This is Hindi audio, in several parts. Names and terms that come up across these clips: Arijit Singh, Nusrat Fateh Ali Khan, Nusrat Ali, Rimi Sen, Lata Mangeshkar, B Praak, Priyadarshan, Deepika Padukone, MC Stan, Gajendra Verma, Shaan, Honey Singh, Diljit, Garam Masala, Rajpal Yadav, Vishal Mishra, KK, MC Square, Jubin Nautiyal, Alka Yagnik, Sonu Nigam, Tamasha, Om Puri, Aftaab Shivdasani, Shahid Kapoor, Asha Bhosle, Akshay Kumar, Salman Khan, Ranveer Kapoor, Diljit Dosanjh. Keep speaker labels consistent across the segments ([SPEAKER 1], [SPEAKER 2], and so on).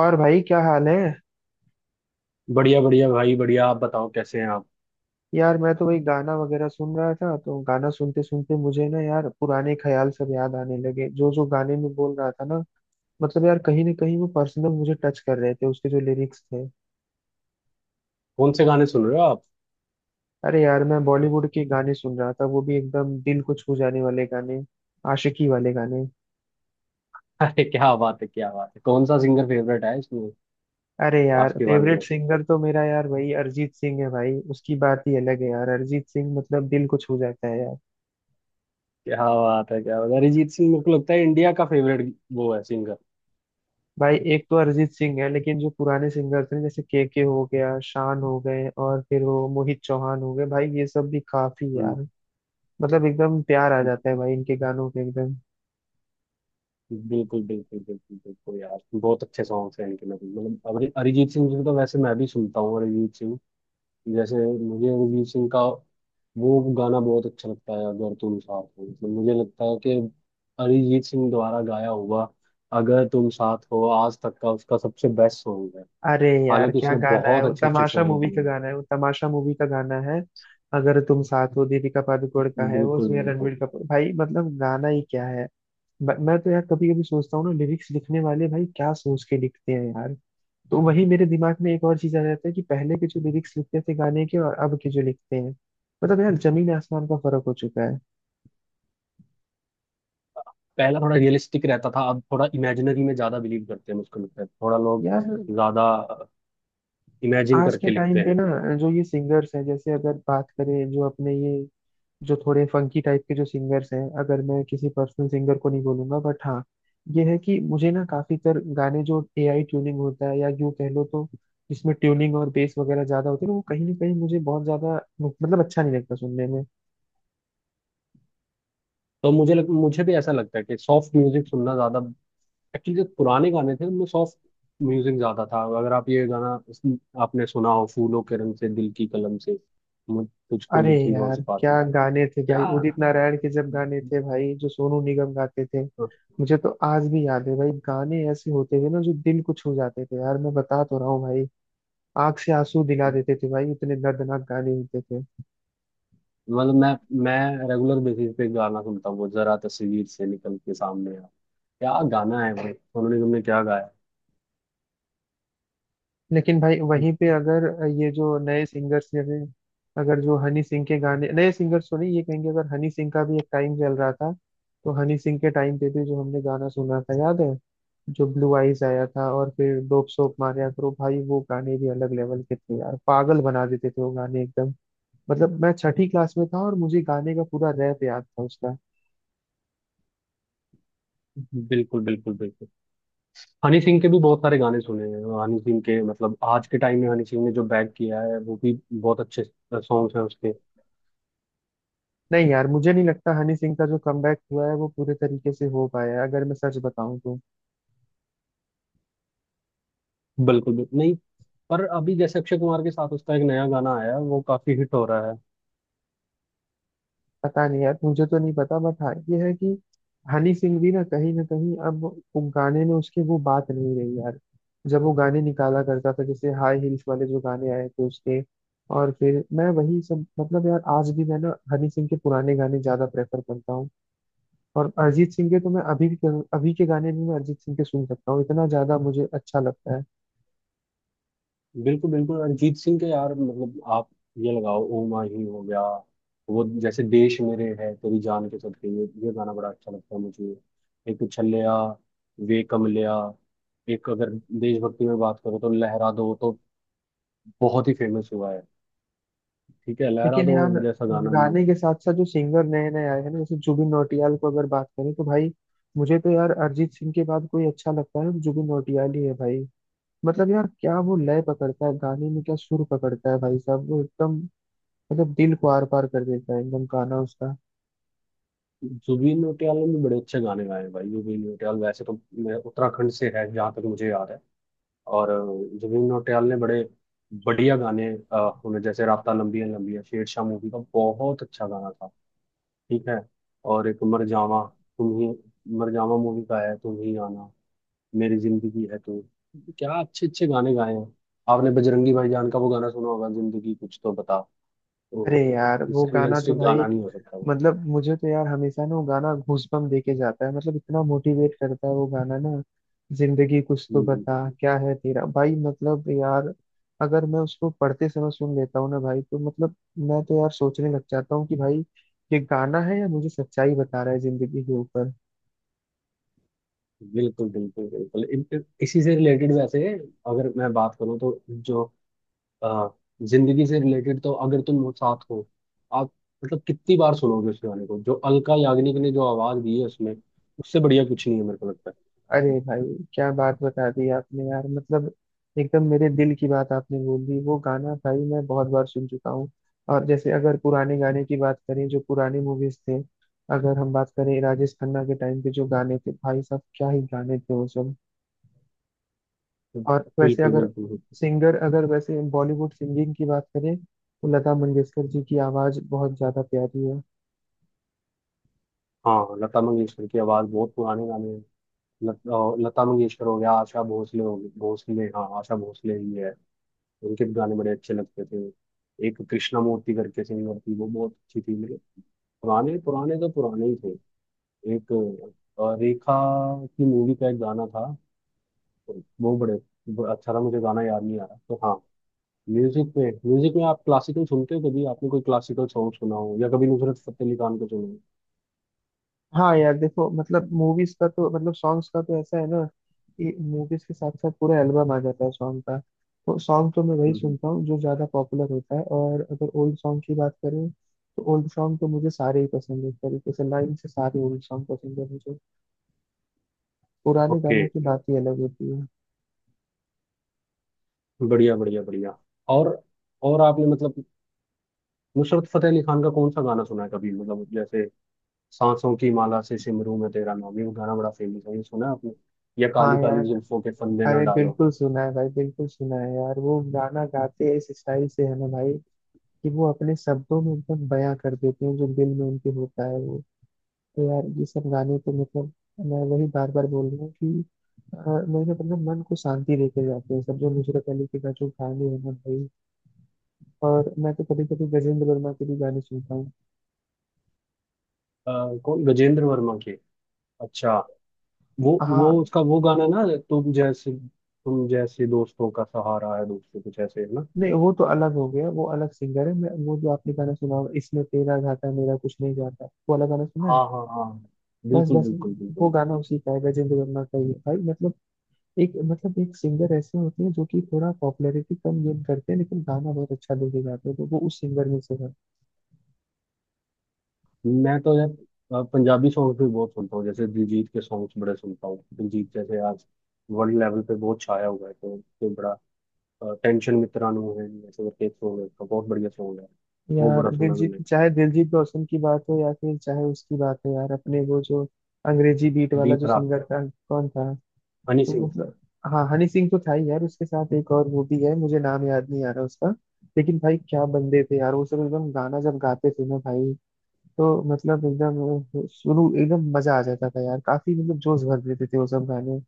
[SPEAKER 1] और भाई क्या हाल है।
[SPEAKER 2] बढ़िया बढ़िया भाई बढ़िया। आप बताओ कैसे हैं आप।
[SPEAKER 1] यार मैं तो वही गाना वगैरह सुन रहा था। तो गाना सुनते सुनते मुझे ना यार पुराने ख्याल सब याद आने लगे, जो जो गाने में बोल रहा था ना। मतलब यार कहीं ना कहीं वो पर्सनल मुझे टच कर रहे थे, उसके जो लिरिक्स थे।
[SPEAKER 2] कौन से गाने सुन रहे हो आप?
[SPEAKER 1] अरे यार मैं बॉलीवुड के गाने सुन रहा था, वो भी एकदम दिल को छू जाने वाले गाने, आशिकी वाले गाने।
[SPEAKER 2] अरे क्या बात है, क्या बात है। कौन सा सिंगर फेवरेट है इसमें?
[SPEAKER 1] अरे यार
[SPEAKER 2] आज के वाले
[SPEAKER 1] फेवरेट
[SPEAKER 2] में।
[SPEAKER 1] सिंगर तो मेरा यार भाई अरिजीत सिंह है भाई। उसकी बात ही अलग है यार। अरिजीत सिंह मतलब दिल को छू जाता है यार।
[SPEAKER 2] क्या बात है, क्या बात है। अरिजीत सिंह, मेरे को लगता है इंडिया का फेवरेट वो है सिंगर।
[SPEAKER 1] भाई एक तो अरिजीत सिंह है, लेकिन जो पुराने सिंगर थे जैसे के हो गया, शान हो गए, और फिर वो मोहित चौहान हो गए, भाई ये सब भी काफी
[SPEAKER 2] हम्म।
[SPEAKER 1] यार। मतलब एकदम प्यार आ जाता है भाई इनके गानों के एकदम।
[SPEAKER 2] बिल्कुल बिल्कुल बिल्कुल बिल्कुल यार, बहुत अच्छे सॉन्ग्स हैं इनके। मतलब अरिजीत सिंह जी को तो वैसे मैं भी सुनता हूँ। अरिजीत सिंह जैसे, मुझे अरिजीत सिंह का वो गाना बहुत अच्छा लगता है, अगर तुम साथ हो। मतलब मुझे लगता है कि अरिजीत सिंह द्वारा गाया हुआ अगर तुम साथ हो आज तक का उसका सबसे बेस्ट सॉन्ग है।
[SPEAKER 1] अरे यार
[SPEAKER 2] हालांकि
[SPEAKER 1] क्या
[SPEAKER 2] उसने
[SPEAKER 1] गाना है
[SPEAKER 2] बहुत
[SPEAKER 1] वो,
[SPEAKER 2] अच्छे अच्छे
[SPEAKER 1] तमाशा
[SPEAKER 2] सॉन्ग
[SPEAKER 1] मूवी
[SPEAKER 2] दिए
[SPEAKER 1] का
[SPEAKER 2] हैं।
[SPEAKER 1] गाना है वो, तमाशा मूवी का गाना है। अगर तुम साथ हो, दीपिका पादुकोण का है वो,
[SPEAKER 2] बिल्कुल
[SPEAKER 1] उसमें
[SPEAKER 2] बिल्कुल।
[SPEAKER 1] रणवीर कपूर, भाई मतलब गाना ही क्या है। मैं तो यार कभी कभी सोचता हूँ ना, लिरिक्स लिखने वाले भाई क्या सोच के लिखते हैं यार। तो वही मेरे दिमाग में एक और चीज आ जाता है कि पहले के जो लिरिक्स लिखते थे गाने के, और अब के जो लिखते हैं, मतलब यार जमीन आसमान का फर्क हो चुका है।
[SPEAKER 2] पहला थोड़ा रियलिस्टिक रहता था, अब थोड़ा इमेजिनरी में ज्यादा बिलीव करते हैं, मुझको लगता है थोड़ा लोग
[SPEAKER 1] यार
[SPEAKER 2] ज्यादा इमेजिन
[SPEAKER 1] आज के
[SPEAKER 2] करके लिखते
[SPEAKER 1] टाइम पे
[SPEAKER 2] हैं।
[SPEAKER 1] ना जो ये सिंगर्स हैं, जैसे अगर बात करें जो अपने ये जो थोड़े फंकी टाइप के जो सिंगर्स हैं, अगर मैं किसी पर्सनल सिंगर को नहीं बोलूंगा, बट हाँ ये है कि मुझे ना काफी तर गाने जो एआई ट्यूनिंग होता है, या यूँ कह लो तो जिसमें ट्यूनिंग और बेस वगैरह ज्यादा होती है ना, वो कहीं ना कहीं मुझे बहुत ज्यादा मतलब अच्छा नहीं लगता सुनने में।
[SPEAKER 2] तो मुझे भी ऐसा लगता है कि सॉफ्ट म्यूजिक सुनना ज्यादा, एक्चुअली जो पुराने गाने थे उनमें सॉफ्ट म्यूजिक ज्यादा था। अगर आप ये गाना आपने सुना हो, फूलों के रंग से दिल की कलम से तुझको
[SPEAKER 1] अरे
[SPEAKER 2] लिखी
[SPEAKER 1] यार
[SPEAKER 2] रोज
[SPEAKER 1] क्या
[SPEAKER 2] पाती।
[SPEAKER 1] गाने थे भाई,
[SPEAKER 2] क्या।
[SPEAKER 1] उदित नारायण के जब गाने थे भाई, जो सोनू निगम गाते थे। मुझे तो आज भी याद है भाई, गाने ऐसे होते थे ना जो दिल को छू जाते थे यार, मैं बता तो रहा हूँ भाई। आंख से आंसू दिला देते थे भाई, इतने दर्दनाक गाने होते थे।
[SPEAKER 2] मतलब मैं रेगुलर बेसिस पे गाना सुनता हूँ, वो जरा तस्वीर से निकल के सामने आ। क्या गाना है भाई उन्होंने, तुमने क्या गाया।
[SPEAKER 1] लेकिन भाई वहीं पे अगर ये जो नए सिंगर्स, जैसे अगर जो हनी सिंह के गाने, नए सिंगर्स तो नहीं ये कहेंगे, अगर हनी सिंह का भी एक टाइम चल रहा था, तो हनी सिंह के टाइम पे भी जो हमने गाना सुना था याद है, जो ब्लू आइज आया था, और फिर डोप सोप मारिया करो, भाई वो गाने भी अलग लेवल के थे यार, पागल बना देते थे वो गाने एकदम। मतलब मैं छठी क्लास में था और मुझे गाने का पूरा रैप याद था उसका।
[SPEAKER 2] बिल्कुल बिल्कुल बिल्कुल। हनी सिंह के भी बहुत सारे गाने सुने हैं हनी सिंह के। मतलब आज के टाइम में हनी सिंह ने जो बैक किया है वो भी बहुत अच्छे सॉन्ग्स हैं उसके।
[SPEAKER 1] नहीं यार मुझे नहीं लगता हनी सिंह का जो कमबैक हुआ है वो पूरे तरीके से हो पाया है, अगर मैं सच बताऊं तो।
[SPEAKER 2] बिल्कुल बिल्कुल, नहीं। पर अभी जैसे अक्षय कुमार के साथ उसका एक नया गाना आया है, वो काफी हिट हो रहा है।
[SPEAKER 1] पता नहीं यार मुझे तो नहीं पता, बट हाँ ये है कि हनी सिंह भी ना कहीं अब वो गाने में उसकी वो बात नहीं रही यार, जब वो गाने निकाला करता था, जैसे हाई हील्स वाले जो गाने आए थे उसके। और फिर मैं वही सब मतलब यार आज भी मैं ना हनी सिंह के पुराने गाने ज्यादा प्रेफर करता हूँ। और अरिजीत सिंह के तो मैं अभी भी, अभी के गाने भी मैं अरिजीत सिंह के सुन सकता हूँ, इतना ज्यादा मुझे अच्छा लगता है।
[SPEAKER 2] बिल्कुल बिल्कुल, अरिजीत सिंह के यार, मतलब आप ये लगाओ, ओ माही हो गया। वो जैसे देश मेरे है तेरी जान के सदके, ये गाना बड़ा अच्छा लगता है मुझे। एक उछलिया, वे कमलिया। एक अगर देशभक्ति में बात करो तो लहरा दो, तो बहुत ही फेमस हुआ है। ठीक है, लहरा
[SPEAKER 1] लेकिन
[SPEAKER 2] दो
[SPEAKER 1] यार
[SPEAKER 2] जैसा गाना नहीं है।
[SPEAKER 1] गाने के साथ साथ जो सिंगर नए नए आए हैं ना, जैसे जुबिन नौटियाल को अगर बात करें तो भाई, मुझे तो यार अरिजीत सिंह के बाद कोई अच्छा लगता है तो जुबिन नौटियाल ही है भाई। मतलब यार क्या वो लय पकड़ता है गाने में, क्या सुर पकड़ता है भाई साहब वो एकदम, मतलब दिल को आर पार कर देता है एकदम गाना उसका।
[SPEAKER 2] जुबिन नौटियाल ने भी बड़े अच्छे गाने गाए हैं भाई। जुबिन नौटियाल वैसे तो, मैं उत्तराखंड से है जहाँ तक मुझे याद है। और जुबिन नौटियाल ने बड़े बढ़िया गाने, अ, उन्हें जैसे रात लंबी है लंबी है, शेरशाह मूवी का बहुत अच्छा गाना था। ठीक है। और एक मर जावा, तुम ही, मर जावा मूवी का है, तुम ही आना मेरी जिंदगी है तू। क्या अच्छे अच्छे गाने गाए हैं। आपने बजरंगी भाईजान का वो गाना सुना होगा, जिंदगी कुछ तो बता।
[SPEAKER 1] अरे
[SPEAKER 2] तो
[SPEAKER 1] यार वो
[SPEAKER 2] इससे
[SPEAKER 1] गाना तो
[SPEAKER 2] रियलिस्टिक
[SPEAKER 1] भाई
[SPEAKER 2] गाना नहीं हो सकता वो।
[SPEAKER 1] मतलब, मुझे तो यार हमेशा ना वो गाना गूजबम्प देके जाता है, मतलब इतना मोटिवेट करता है वो गाना ना, जिंदगी कुछ तो
[SPEAKER 2] हम्म।
[SPEAKER 1] बता, क्या है तेरा, भाई मतलब यार अगर मैं उसको पढ़ते समय सुन लेता हूँ ना भाई तो मतलब मैं तो यार सोचने लग जाता हूँ कि भाई ये गाना है या मुझे सच्चाई बता रहा है जिंदगी के ऊपर।
[SPEAKER 2] बिल्कुल बिल्कुल बिल्कुल, इसी से रिलेटेड वैसे अगर मैं बात करूँ तो जो आ, जिंदगी से रिलेटेड, तो अगर तुम साथ हो आप, मतलब कितनी बार सुनोगे उस गाने को जो अलका याग्निक ने जो आवाज दी है उसमें। उससे बढ़िया कुछ नहीं है मेरे को लगता
[SPEAKER 1] अरे भाई क्या बात बता दी आपने यार, मतलब एकदम मेरे दिल की बात आपने बोल दी, वो गाना भाई मैं बहुत बार सुन चुका हूँ। और जैसे अगर पुराने गाने की बात करें, जो पुराने मूवीज थे, अगर हम बात करें राजेश खन्ना के टाइम पे जो गाने थे, भाई साहब क्या ही गाने थे वो सब।
[SPEAKER 2] है।
[SPEAKER 1] और वैसे
[SPEAKER 2] बिल्कुल
[SPEAKER 1] अगर
[SPEAKER 2] बिल्कुल बिल्कुल।
[SPEAKER 1] सिंगर, अगर वैसे बॉलीवुड सिंगिंग की बात करें तो लता मंगेशकर जी की आवाज बहुत ज्यादा प्यारी है।
[SPEAKER 2] हाँ, लता मंगेशकर की आवाज, बहुत पुराने गाने हैं। लता मंगेशकर हो गया, आशा भोसले हो गई भोसले, हाँ आशा भोसले ही है। उनके भी गाने बड़े अच्छे लगते थे। एक कृष्णा मूर्ति करके सिंगर थी, वो बहुत अच्छी थी मतलब। पुराने पुराने तो पुराने ही थे। एक रेखा की मूवी का एक गाना था, वो बड़े, वो अच्छा था, मुझे गाना याद नहीं आ रहा तो हाँ। म्यूजिक में आप क्लासिकल सुनते हो कभी? आपने कोई क्लासिकल सॉन्ग सुना हो या कभी नुसरत फतेह अली खान को सुना हो?
[SPEAKER 1] हाँ यार देखो मतलब मूवीज का तो मतलब सॉन्ग्स का तो ऐसा है ना कि मूवीज के साथ साथ पूरा एल्बम आ जाता है सॉन्ग का, तो सॉन्ग तो मैं वही
[SPEAKER 2] हम्म,
[SPEAKER 1] सुनता हूँ जो ज्यादा पॉपुलर होता है। और अगर ओल्ड सॉन्ग की बात करें तो ओल्ड सॉन्ग तो मुझे सारे ही पसंद है, एक तरीके से लाइन से सारे ओल्ड सॉन्ग पसंद है मुझे। पुराने
[SPEAKER 2] ओके।
[SPEAKER 1] गानों की बात ही अलग होती है।
[SPEAKER 2] बढ़िया बढ़िया बढ़िया। और और आपने मतलब नुसरत फतेह अली खान का कौन सा गाना सुना है कभी? मतलब जैसे सांसों की माला से सिमरू में तेरा नाम, ये गाना बड़ा फेमस है, ये सुना है आपने? या
[SPEAKER 1] हाँ
[SPEAKER 2] काली काली
[SPEAKER 1] यार,
[SPEAKER 2] जुल्फों के फंदे ना
[SPEAKER 1] अरे
[SPEAKER 2] डालो।
[SPEAKER 1] बिल्कुल सुना है भाई, बिल्कुल सुना है यार। वो गाना गाते हैं इस स्टाइल से है ना भाई, कि वो अपने शब्दों में एकदम बयां कर देते हैं जो दिल में उनके होता है वो। तो यार ये सब गाने तो मतलब, मैं वही बार बार बोल रहा हूँ कि अ, मेरे मतलब मन को शांति देके जाते हैं सब, जो नुसरत अली के का जो गाने हैं ना भाई। और मैं तो कभी कभी गजेंद्र वर्मा के भी गाने सुनता हूँ।
[SPEAKER 2] अ, कौन, गजेंद्र वर्मा के? अच्छा। वो
[SPEAKER 1] हाँ,
[SPEAKER 2] उसका वो गाना ना, तुम जैसे दोस्तों का सहारा है दोस्तों, कुछ ऐसे है ना?
[SPEAKER 1] नहीं वो तो अलग हो गया, वो अलग सिंगर है। मैं वो, जो आपने गाना सुना होगा इसमें, तेरा घाटा मेरा कुछ नहीं जाता, वो वाला गाना सुना है।
[SPEAKER 2] हाँ हाँ हाँ,
[SPEAKER 1] बस
[SPEAKER 2] बिल्कुल
[SPEAKER 1] बस,
[SPEAKER 2] बिल्कुल
[SPEAKER 1] वो
[SPEAKER 2] बिल्कुल।
[SPEAKER 1] गाना उसी का है, गजेंद्र वर्मा का ही है भाई। मतलब एक सिंगर ऐसे होते हैं जो कि थोड़ा पॉपुलैरिटी कम गेन करते हैं, लेकिन गाना बहुत अच्छा लेके जाते हैं, तो वो उस सिंगर में से है।
[SPEAKER 2] मैं तो यार पंजाबी सॉन्ग भी बहुत सुनता हूँ। जैसे दिलजीत के सॉन्ग्स बड़े सुनता हूँ, दिलजीत जैसे आज वर्ल्ड लेवल पे बहुत छाया हुआ है, तो उसके बड़ा टेंशन मित्रानू है ऐसे करके एक सॉन्ग है उसका, बहुत बढ़िया सॉन्ग है। वो
[SPEAKER 1] यार
[SPEAKER 2] बड़ा सुना
[SPEAKER 1] दिलजीत,
[SPEAKER 2] मैंने।
[SPEAKER 1] चाहे दिलजीत दोसांझ की बात हो या फिर चाहे उसकी बात हो, यार अपने वो जो अंग्रेजी बीट
[SPEAKER 2] बी
[SPEAKER 1] वाला जो
[SPEAKER 2] प्राक,
[SPEAKER 1] सिंगर था, कौन था?
[SPEAKER 2] हनी
[SPEAKER 1] तो
[SPEAKER 2] सिंह।
[SPEAKER 1] मतलब हाँ हनी सिंह तो था ही यार, उसके साथ एक और वो भी है, मुझे नाम याद नहीं आ रहा उसका। लेकिन भाई क्या बंदे थे यार, वो सब एकदम गाना जब गाते थे ना भाई, तो मतलब एकदम शुरू एकदम मजा आ जाता था यार, काफी मतलब जोश भर देते थे वो सब गाने।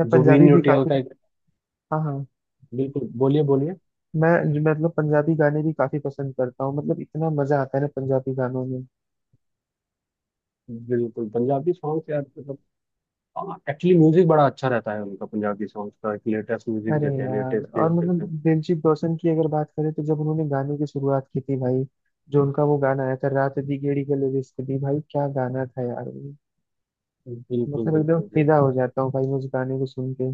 [SPEAKER 1] मैं
[SPEAKER 2] जुबिन
[SPEAKER 1] पंजाबी भी
[SPEAKER 2] नौटियाल
[SPEAKER 1] काफी,
[SPEAKER 2] का एक।
[SPEAKER 1] हाँ हाँ,
[SPEAKER 2] बिल्कुल, बोलिए बोलिए।
[SPEAKER 1] मैं मतलब पंजाबी गाने भी काफी पसंद करता हूँ, मतलब इतना मजा आता है ना पंजाबी गानों में।
[SPEAKER 2] बिल्कुल पंजाबी सॉन्ग यार, मतलब एक्चुअली म्यूजिक बड़ा अच्छा रहता है उनका, पंजाबी सॉन्ग्स का लेटेस्ट म्यूजिक
[SPEAKER 1] अरे
[SPEAKER 2] देते हैं,
[SPEAKER 1] यार
[SPEAKER 2] लेटेस्ट चीज
[SPEAKER 1] और मतलब
[SPEAKER 2] देते हैं।
[SPEAKER 1] दिलजीत दोसांझ की अगर बात करें, तो जब उन्होंने गाने की शुरुआत की थी भाई, जो उनका वो गाना आया था, रात दी गेड़ी गले रिश्क दी, भाई क्या गाना था यार वो।
[SPEAKER 2] बिल्कुल
[SPEAKER 1] मतलब एकदम
[SPEAKER 2] बिल्कुल
[SPEAKER 1] फिदा हो
[SPEAKER 2] बिल्कुल।
[SPEAKER 1] जाता हूँ भाई मैं उस गाने को सुन के।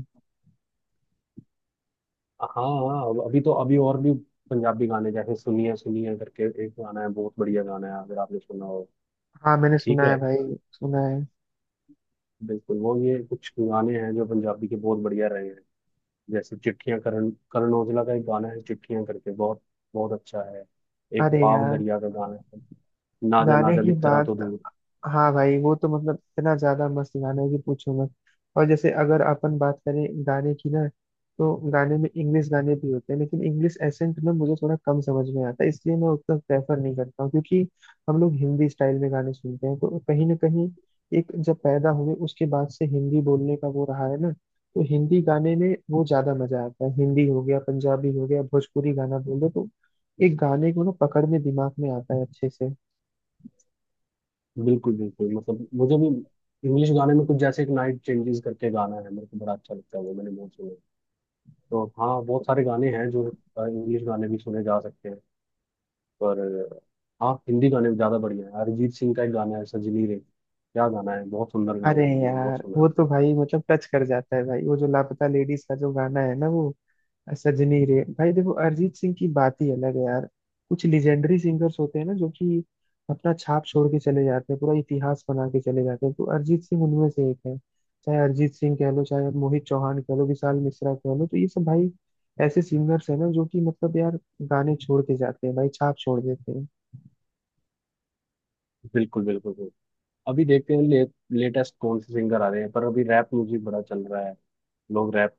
[SPEAKER 2] हाँ हाँ अभी तो अभी और भी पंजाबी गाने जैसे सुनिए सुनिए करके एक गाना है, बहुत बढ़िया गाना है, अगर आपने सुना हो।
[SPEAKER 1] हाँ मैंने
[SPEAKER 2] ठीक
[SPEAKER 1] सुना है
[SPEAKER 2] है।
[SPEAKER 1] भाई सुना है।
[SPEAKER 2] बिल्कुल, वो ये कुछ गाने हैं जो पंजाबी के बहुत बढ़िया रहे हैं। जैसे चिट्ठियां, करण करण औजला का एक गाना है चिट्ठियां करके, बहुत बहुत अच्छा है। एक
[SPEAKER 1] अरे
[SPEAKER 2] पाव
[SPEAKER 1] यार
[SPEAKER 2] दरिया का गाना है, नाजा
[SPEAKER 1] गाने
[SPEAKER 2] नाजा
[SPEAKER 1] की
[SPEAKER 2] मित्रा
[SPEAKER 1] बात,
[SPEAKER 2] तो दूर।
[SPEAKER 1] हाँ भाई वो तो मतलब इतना ज्यादा मस्त गाना है कि पूछो मत। और जैसे अगर अपन बात करें गाने की ना, तो गाने में इंग्लिश गाने भी होते हैं, लेकिन इंग्लिश एसेंट में मुझे थोड़ा कम समझ में आता है, इसलिए मैं उतना प्रेफर नहीं करता हूँ, क्योंकि हम लोग हिंदी स्टाइल में गाने सुनते हैं, तो कहीं ना कहीं एक जब पैदा हुए उसके बाद से हिंदी बोलने का वो रहा है ना, तो हिंदी गाने में वो ज्यादा मजा आता है। हिंदी हो गया, पंजाबी हो गया, भोजपुरी गाना बोल दो तो एक गाने को ना पकड़ में दिमाग में आता है अच्छे से।
[SPEAKER 2] बिल्कुल बिल्कुल, मतलब मुझे भी इंग्लिश गाने में कुछ जैसे एक नाइट चेंजेस करके गाना है, मेरे को बड़ा अच्छा लगता है, वो मैंने बहुत सुने। तो हाँ बहुत सारे गाने हैं जो इंग्लिश गाने भी सुने जा सकते हैं, पर हाँ हिंदी गाने भी ज्यादा बढ़िया है। अरिजीत सिंह का एक गाना है सजनी रे, क्या गाना है, बहुत सुंदर गाना
[SPEAKER 1] अरे
[SPEAKER 2] है, मैंने बहुत
[SPEAKER 1] यार
[SPEAKER 2] सुना
[SPEAKER 1] वो
[SPEAKER 2] है।
[SPEAKER 1] तो भाई मतलब टच कर जाता है भाई, वो जो लापता लेडीज का जो गाना है ना वो, सजनी रे, भाई देखो अरिजीत सिंह की बात ही अलग है यार। कुछ लेजेंडरी सिंगर्स होते हैं ना जो कि अपना छाप छोड़ के चले जाते हैं, पूरा इतिहास बना के चले जाते हैं, तो अरिजीत सिंह उनमें से एक है। चाहे अरिजीत सिंह कह लो, चाहे मोहित चौहान कह लो, विशाल मिश्रा कह लो, तो ये सब भाई ऐसे सिंगर्स है ना जो कि मतलब यार गाने छोड़ के जाते हैं भाई, छाप छोड़ देते हैं।
[SPEAKER 2] बिल्कुल बिल्कुल बिल्कुल। अभी देखते हैं लेटेस्ट कौन से सिंगर आ रहे हैं, पर अभी रैप म्यूजिक बड़ा चल रहा है, लोग रैप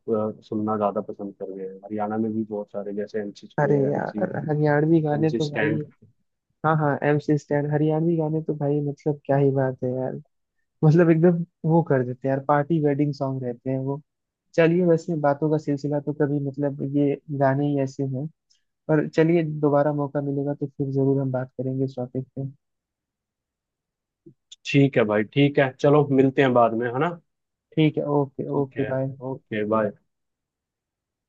[SPEAKER 2] सुनना ज्यादा पसंद कर रहे हैं। हरियाणा में भी बहुत सारे, जैसे एमसी
[SPEAKER 1] अरे
[SPEAKER 2] स्क्वेयर, एमसी
[SPEAKER 1] यार हरियाणवी गाने
[SPEAKER 2] एमसी
[SPEAKER 1] तो भाई,
[SPEAKER 2] स्टैंड।
[SPEAKER 1] हाँ हाँ एमसी स्टैन, हरियाणवी गाने तो भाई मतलब क्या ही बात है यार। मतलब एकदम वो कर देते हैं यार, पार्टी वेडिंग सॉन्ग रहते हैं वो। चलिए वैसे बातों का सिलसिला तो कभी, मतलब ये गाने ही ऐसे हैं। पर चलिए दोबारा मौका मिलेगा तो फिर जरूर हम बात करेंगे इस टॉपिक पे।
[SPEAKER 2] ठीक है भाई, ठीक है, चलो मिलते हैं बाद में है ना।
[SPEAKER 1] ठीक है, ओके
[SPEAKER 2] ठीक
[SPEAKER 1] ओके,
[SPEAKER 2] है,
[SPEAKER 1] बाय।
[SPEAKER 2] Okay bye.